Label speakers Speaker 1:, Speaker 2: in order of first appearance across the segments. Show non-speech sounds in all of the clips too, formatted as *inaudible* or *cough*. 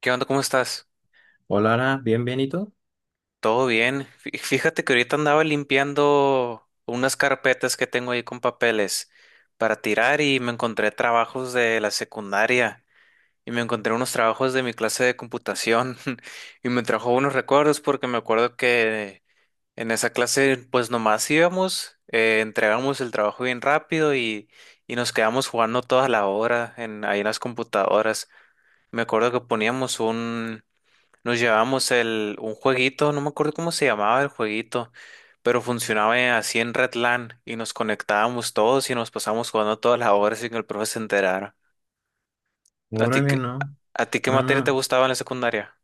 Speaker 1: ¿Qué onda? ¿Cómo estás?
Speaker 2: Hola, Ara, bien, bien, ¿y tú?
Speaker 1: ¿Todo bien? Fíjate que ahorita andaba limpiando unas carpetas que tengo ahí con papeles para tirar y me encontré trabajos de la secundaria y me encontré unos trabajos de mi clase de computación *laughs* y me trajo unos recuerdos porque me acuerdo que en esa clase pues nomás íbamos, entregamos el trabajo bien rápido y nos quedamos jugando toda la hora ahí en las computadoras. Me acuerdo que poníamos un... Nos llevamos un jueguito, no me acuerdo cómo se llamaba el jueguito, pero funcionaba así en Redland y nos conectábamos todos y nos pasamos jugando todas las horas sin que el profe se enterara. ¿A ti,
Speaker 2: Órale,
Speaker 1: qué-
Speaker 2: no.
Speaker 1: ¿A ti qué
Speaker 2: No,
Speaker 1: materia te
Speaker 2: no.
Speaker 1: gustaba en la secundaria?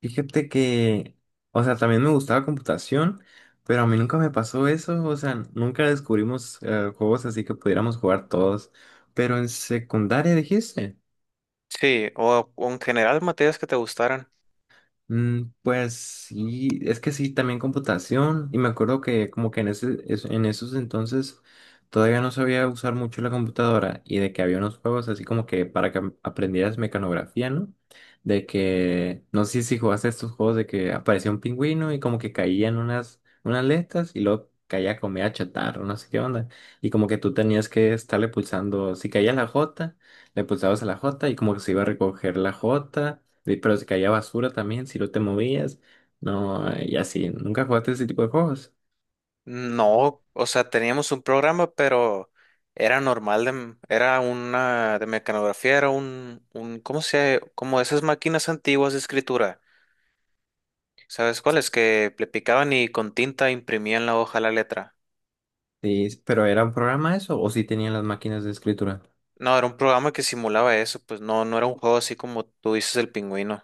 Speaker 2: Fíjate que, o sea, también me gustaba computación, pero a mí nunca me pasó eso, o sea, nunca descubrimos juegos así que pudiéramos jugar todos. Pero en secundaria dijiste.
Speaker 1: Sí, o en general materias que te gustaran.
Speaker 2: Mm, pues sí, es que sí, también computación. Y me acuerdo que como que en esos entonces todavía no sabía usar mucho la computadora y de que había unos juegos así como que para que aprendieras mecanografía, ¿no? De que, no sé si jugaste estos juegos de que aparecía un pingüino y como que caían unas letras y luego caía comida chatarra, no sé qué onda. Y como que tú tenías que estarle pulsando, si caía la J, le pulsabas a la J y como que se iba a recoger la J. Sí, pero se caía basura también si no te movías. No, y así. Nunca jugaste ese tipo de juegos.
Speaker 1: No, o sea, teníamos un programa, pero era normal, de, era una de mecanografía, era un, ¿cómo se, como esas máquinas antiguas de escritura? ¿Sabes cuál? Es que le picaban y con tinta imprimían la hoja la letra.
Speaker 2: Sí, pero ¿era un programa eso? ¿O sí tenían las máquinas de escritura?
Speaker 1: No, era un programa que simulaba eso, pues no, no era un juego así como tú dices el pingüino.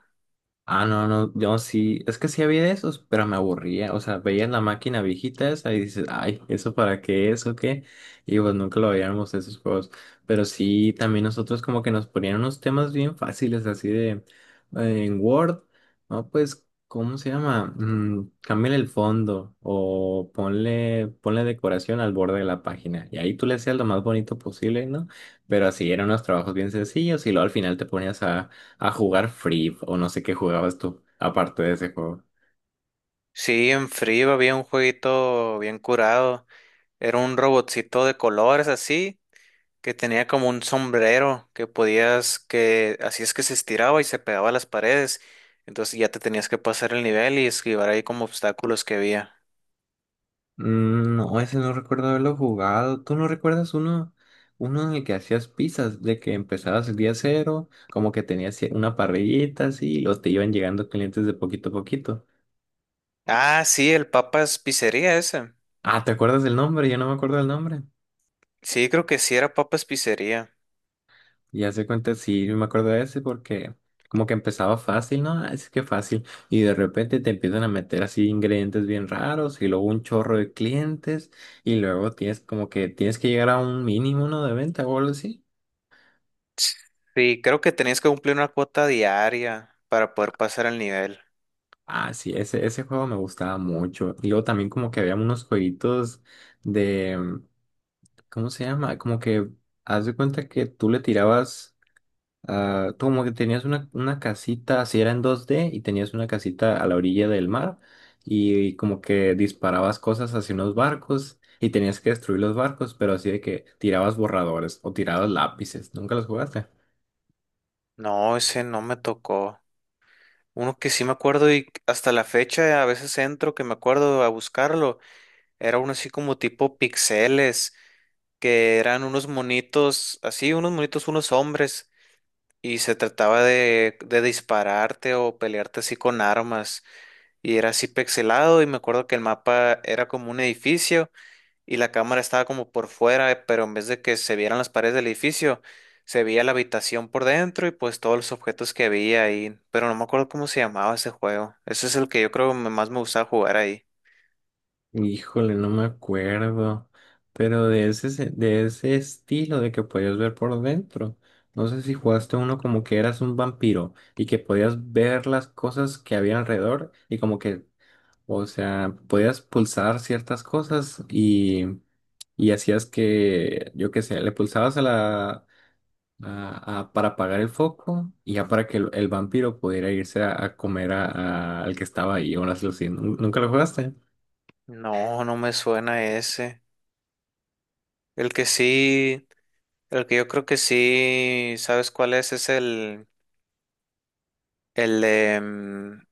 Speaker 2: Ah, no, no, yo sí, es que sí había de esos, pero me aburría, o sea, veías la máquina viejita esa y dices, ay, ¿eso para qué es o qué? Y pues nunca lo veíamos esos juegos, pero sí, también nosotros como que nos ponían unos temas bien fáciles, así de, en Word, no, pues, ¿cómo se llama? Mm, cámbiale el fondo o ponle decoración al borde de la página y ahí tú le hacías lo más bonito posible, ¿no? Pero así eran unos trabajos bien sencillos y luego al final te ponías a jugar Free o no sé qué jugabas tú, aparte de ese juego.
Speaker 1: Sí, en frío había un jueguito bien curado. Era un robotcito de colores así, que tenía como un sombrero que podías, que así es que se estiraba y se pegaba a las paredes. Entonces ya te tenías que pasar el nivel y esquivar ahí como obstáculos que había.
Speaker 2: Mm, no, ese no recuerdo haberlo jugado. ¿Tú no recuerdas uno en el que hacías pizzas, de que empezabas el día cero, como que tenías una parrillita así, y te iban llegando clientes de poquito a poquito?
Speaker 1: Ah, sí, el Papas Pizzería ese.
Speaker 2: Ah, ¿te acuerdas del nombre? Yo no me acuerdo del nombre.
Speaker 1: Sí, creo que sí era Papas Pizzería.
Speaker 2: Ya se cuenta, sí, yo me acuerdo de ese porque como que empezaba fácil, ¿no? Ah, es que fácil. Y de repente te empiezan a meter así ingredientes bien raros y luego un chorro de clientes y luego tienes como que tienes que llegar a un mínimo, ¿no? De venta o algo así.
Speaker 1: Sí, creo que tenías que cumplir una cuota diaria para poder pasar el nivel.
Speaker 2: Ah, sí, ese juego me gustaba mucho. Y luego también como que había unos jueguitos de, ¿cómo se llama? Como que haz de cuenta que tú le tirabas. Ah, como que tenías una casita, así era en 2D, y tenías una casita a la orilla del mar, y, como que disparabas cosas hacia unos barcos, y tenías que destruir los barcos, pero así de que tirabas borradores o tirabas lápices. ¿Nunca los jugaste?
Speaker 1: No, ese no me tocó. Uno que sí me acuerdo y hasta la fecha a veces entro que me acuerdo a buscarlo. Era uno así como tipo pixeles, que eran unos monitos, así unos monitos, unos hombres, y se trataba de dispararte o pelearte así con armas. Y era así pixelado y me acuerdo que el mapa era como un edificio y la cámara estaba como por fuera, pero en vez de que se vieran las paredes del edificio, se veía la habitación por dentro y pues todos los objetos que había ahí, pero no me acuerdo cómo se llamaba ese juego. Ese es el que yo creo que más me gustaba jugar ahí.
Speaker 2: Híjole, no me acuerdo. Pero de ese estilo de que podías ver por dentro. No sé si jugaste uno como que eras un vampiro y que podías ver las cosas que había alrededor y como que, o sea, podías pulsar ciertas cosas y hacías que, yo qué sé, le pulsabas a la para apagar el foco y ya para que el vampiro pudiera irse a comer al que estaba ahí o las luces. ¿Nun- ¿Nunca lo jugaste?
Speaker 1: No, no me suena ese. El que sí, el que yo creo que sí, ¿sabes cuál es? Es el, em,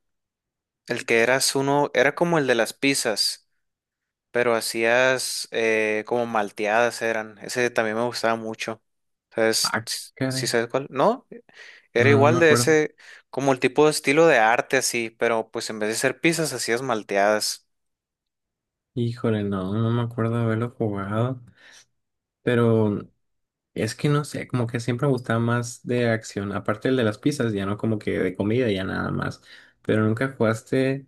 Speaker 1: el que eras uno, era como el de las pizzas, pero hacías como malteadas eran. Ese también me gustaba mucho. ¿Sabes?
Speaker 2: Ah,
Speaker 1: ¿Sí
Speaker 2: caray.
Speaker 1: sabes cuál? No, era
Speaker 2: No, no me
Speaker 1: igual de
Speaker 2: acuerdo.
Speaker 1: ese, como el tipo de estilo de arte así, pero pues en vez de hacer pizzas hacías malteadas.
Speaker 2: Híjole, no, no me acuerdo de haberlo jugado. Pero es que no sé, como que siempre me gustaba más de acción. Aparte el de las pizzas, ya no como que de comida, ya nada más. Pero nunca jugaste,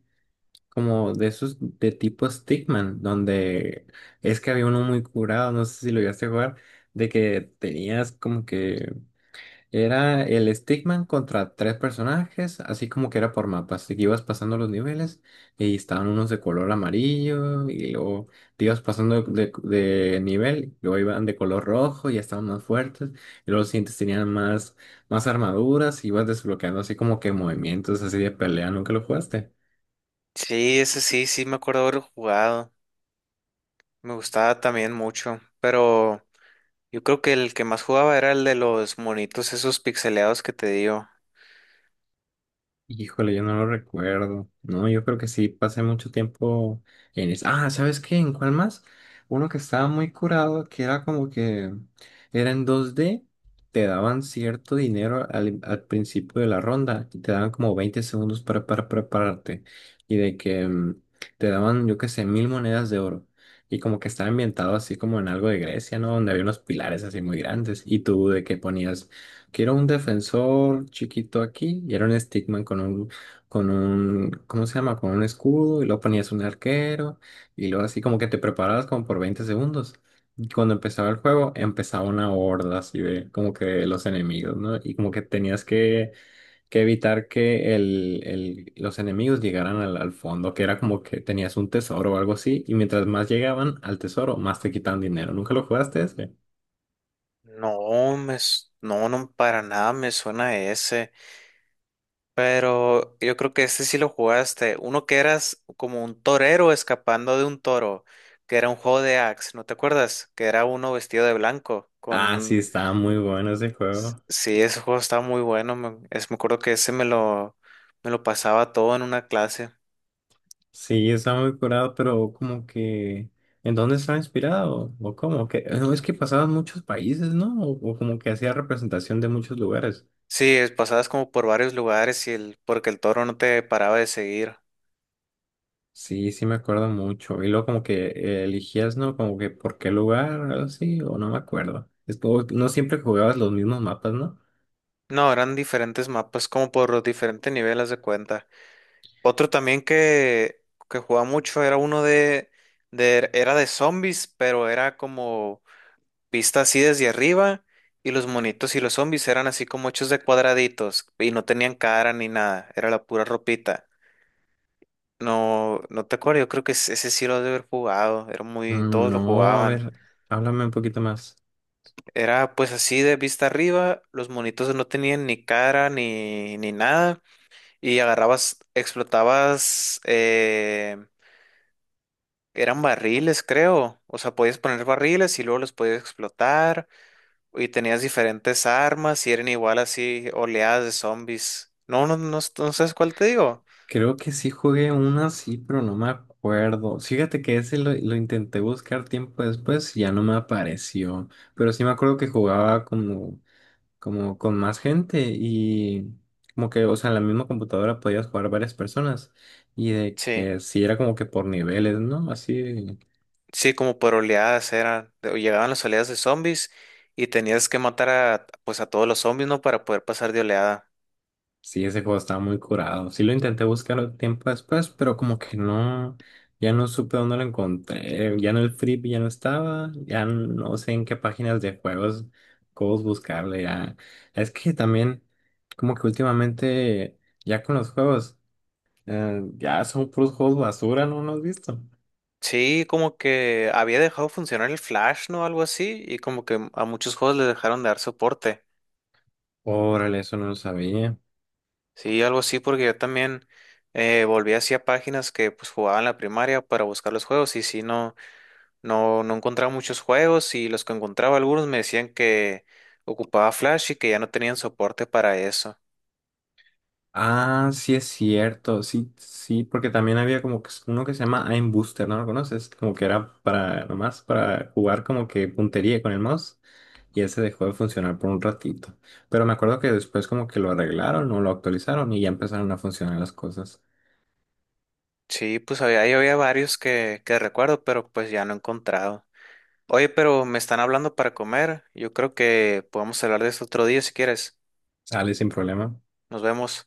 Speaker 2: como de esos de tipo Stickman, donde es que había uno muy curado, no sé si lo llegaste a jugar, de que tenías como que era el Stickman contra tres personajes, así como que era por mapas, y que ibas pasando los niveles y estaban unos de color amarillo y luego te ibas pasando de nivel, luego iban de color rojo y ya estaban más fuertes, y luego los siguientes tenían más armaduras y ibas desbloqueando así como que movimientos así de pelea, ¿nunca lo jugaste?
Speaker 1: Sí, ese sí, sí me acuerdo haber jugado. Me gustaba también mucho, pero yo creo que el que más jugaba era el de los monitos esos pixeleados que te digo.
Speaker 2: Híjole, yo no lo recuerdo. No, yo creo que sí pasé mucho tiempo en eso. Ah, ¿sabes qué? ¿En cuál más? Uno que estaba muy curado, que era como que era en 2D te daban cierto dinero al, al principio de la ronda y te daban como 20 segundos para prepararte. Y de que te daban, yo qué sé, 1000 monedas de oro. Y como que estaba ambientado así como en algo de Grecia, ¿no? Donde había unos pilares así muy grandes. Y tú de que ponías, quiero un defensor chiquito aquí y era un stickman con un, ¿cómo se llama? Con un escudo y luego ponías un arquero y luego así como que te preparabas como por 20 segundos. Y cuando empezaba el juego empezaba una horda así de como que de los enemigos, ¿no? Y como que tenías que evitar que el, los enemigos llegaran al fondo, que era como que tenías un tesoro o algo así y mientras más llegaban al tesoro, más te quitaban dinero. ¿Nunca lo jugaste ese?
Speaker 1: No, no, no, para nada me suena ese. Pero yo creo que este sí lo jugaste. Uno que eras como un torero escapando de un toro, que era un juego de Axe, ¿no te acuerdas? Que era uno vestido de blanco con
Speaker 2: Ah, sí,
Speaker 1: un...
Speaker 2: estaba muy bueno ese juego.
Speaker 1: Sí, ese juego estaba muy bueno. Me acuerdo que ese me lo pasaba todo en una clase.
Speaker 2: Sí, está muy curado, pero como que ¿en dónde está inspirado? ¿O cómo? Que no es que pasaban muchos países, ¿no? O como que hacía representación de muchos lugares.
Speaker 1: Sí, pasabas como por varios lugares y el, porque el toro no te paraba de seguir.
Speaker 2: Sí, sí me acuerdo mucho. Y luego como que elegías, ¿no? Como que por qué lugar, algo así, o no me acuerdo. Es como, no siempre jugabas los mismos mapas, ¿no?
Speaker 1: No, eran diferentes mapas, como por los diferentes niveles de cuenta. Otro también que jugaba mucho era uno de, era de zombies, pero era como vista así desde arriba y los monitos y los zombies eran así como hechos de cuadraditos y no tenían cara ni nada, era la pura ropita. No, no te acuerdo, yo creo que ese sí lo has de haber jugado, era muy,
Speaker 2: Mm,
Speaker 1: todos lo
Speaker 2: no, a
Speaker 1: jugaban.
Speaker 2: ver, háblame un poquito más.
Speaker 1: Era pues así de vista arriba, los monitos no tenían ni cara ni nada y agarrabas, explotabas eran barriles, creo. O sea, podías poner barriles y luego los podías explotar. Y tenías diferentes armas y eran igual así oleadas de zombies. No, no sabes cuál te digo.
Speaker 2: Creo que sí jugué una, sí, pero no me acuerdo. Fíjate que ese lo intenté buscar tiempo después y ya no me apareció. Pero sí me acuerdo que jugaba como con más gente y como que, o sea, en la misma computadora podías jugar varias personas y de
Speaker 1: Sí,
Speaker 2: que sí era como que por niveles, ¿no? Así.
Speaker 1: sí, como por oleadas eran. O llegaban las oleadas de zombies y tenías que matar a, pues a todos los zombies, ¿no? Para poder pasar de oleada.
Speaker 2: Sí, ese juego estaba muy curado. Sí lo intenté buscar un tiempo después, pero como que no, ya no supe dónde lo encontré. Ya en el Flip ya no estaba, ya no sé en qué páginas de juegos, juegos buscarle. Ya. Es que también, como que últimamente, ya con los juegos, ya son puros juegos basura, ¿no? ¿No has visto?
Speaker 1: Sí, como que había dejado funcionar el Flash, ¿no? Algo así. Y como que a muchos juegos les dejaron de dar soporte.
Speaker 2: Órale, eso no lo sabía.
Speaker 1: Sí, algo así, porque yo también volví hacia páginas que pues jugaba en la primaria para buscar los juegos y sí, no, no, no encontraba muchos juegos y los que encontraba algunos me decían que ocupaba Flash y que ya no tenían soporte para eso.
Speaker 2: Ah, sí es cierto, sí, sí, porque también había como que uno que se llama Aim Booster, ¿no lo conoces? Como que era para, nomás para jugar como que puntería con el mouse y ese dejó de funcionar por un ratito. Pero me acuerdo que después como que lo arreglaron o lo actualizaron y ya empezaron a funcionar las cosas.
Speaker 1: Sí, pues había, ahí había varios que recuerdo, pero pues ya no he encontrado. Oye, pero me están hablando para comer. Yo creo que podemos hablar de esto otro día si quieres.
Speaker 2: Sale sin problema.
Speaker 1: Nos vemos.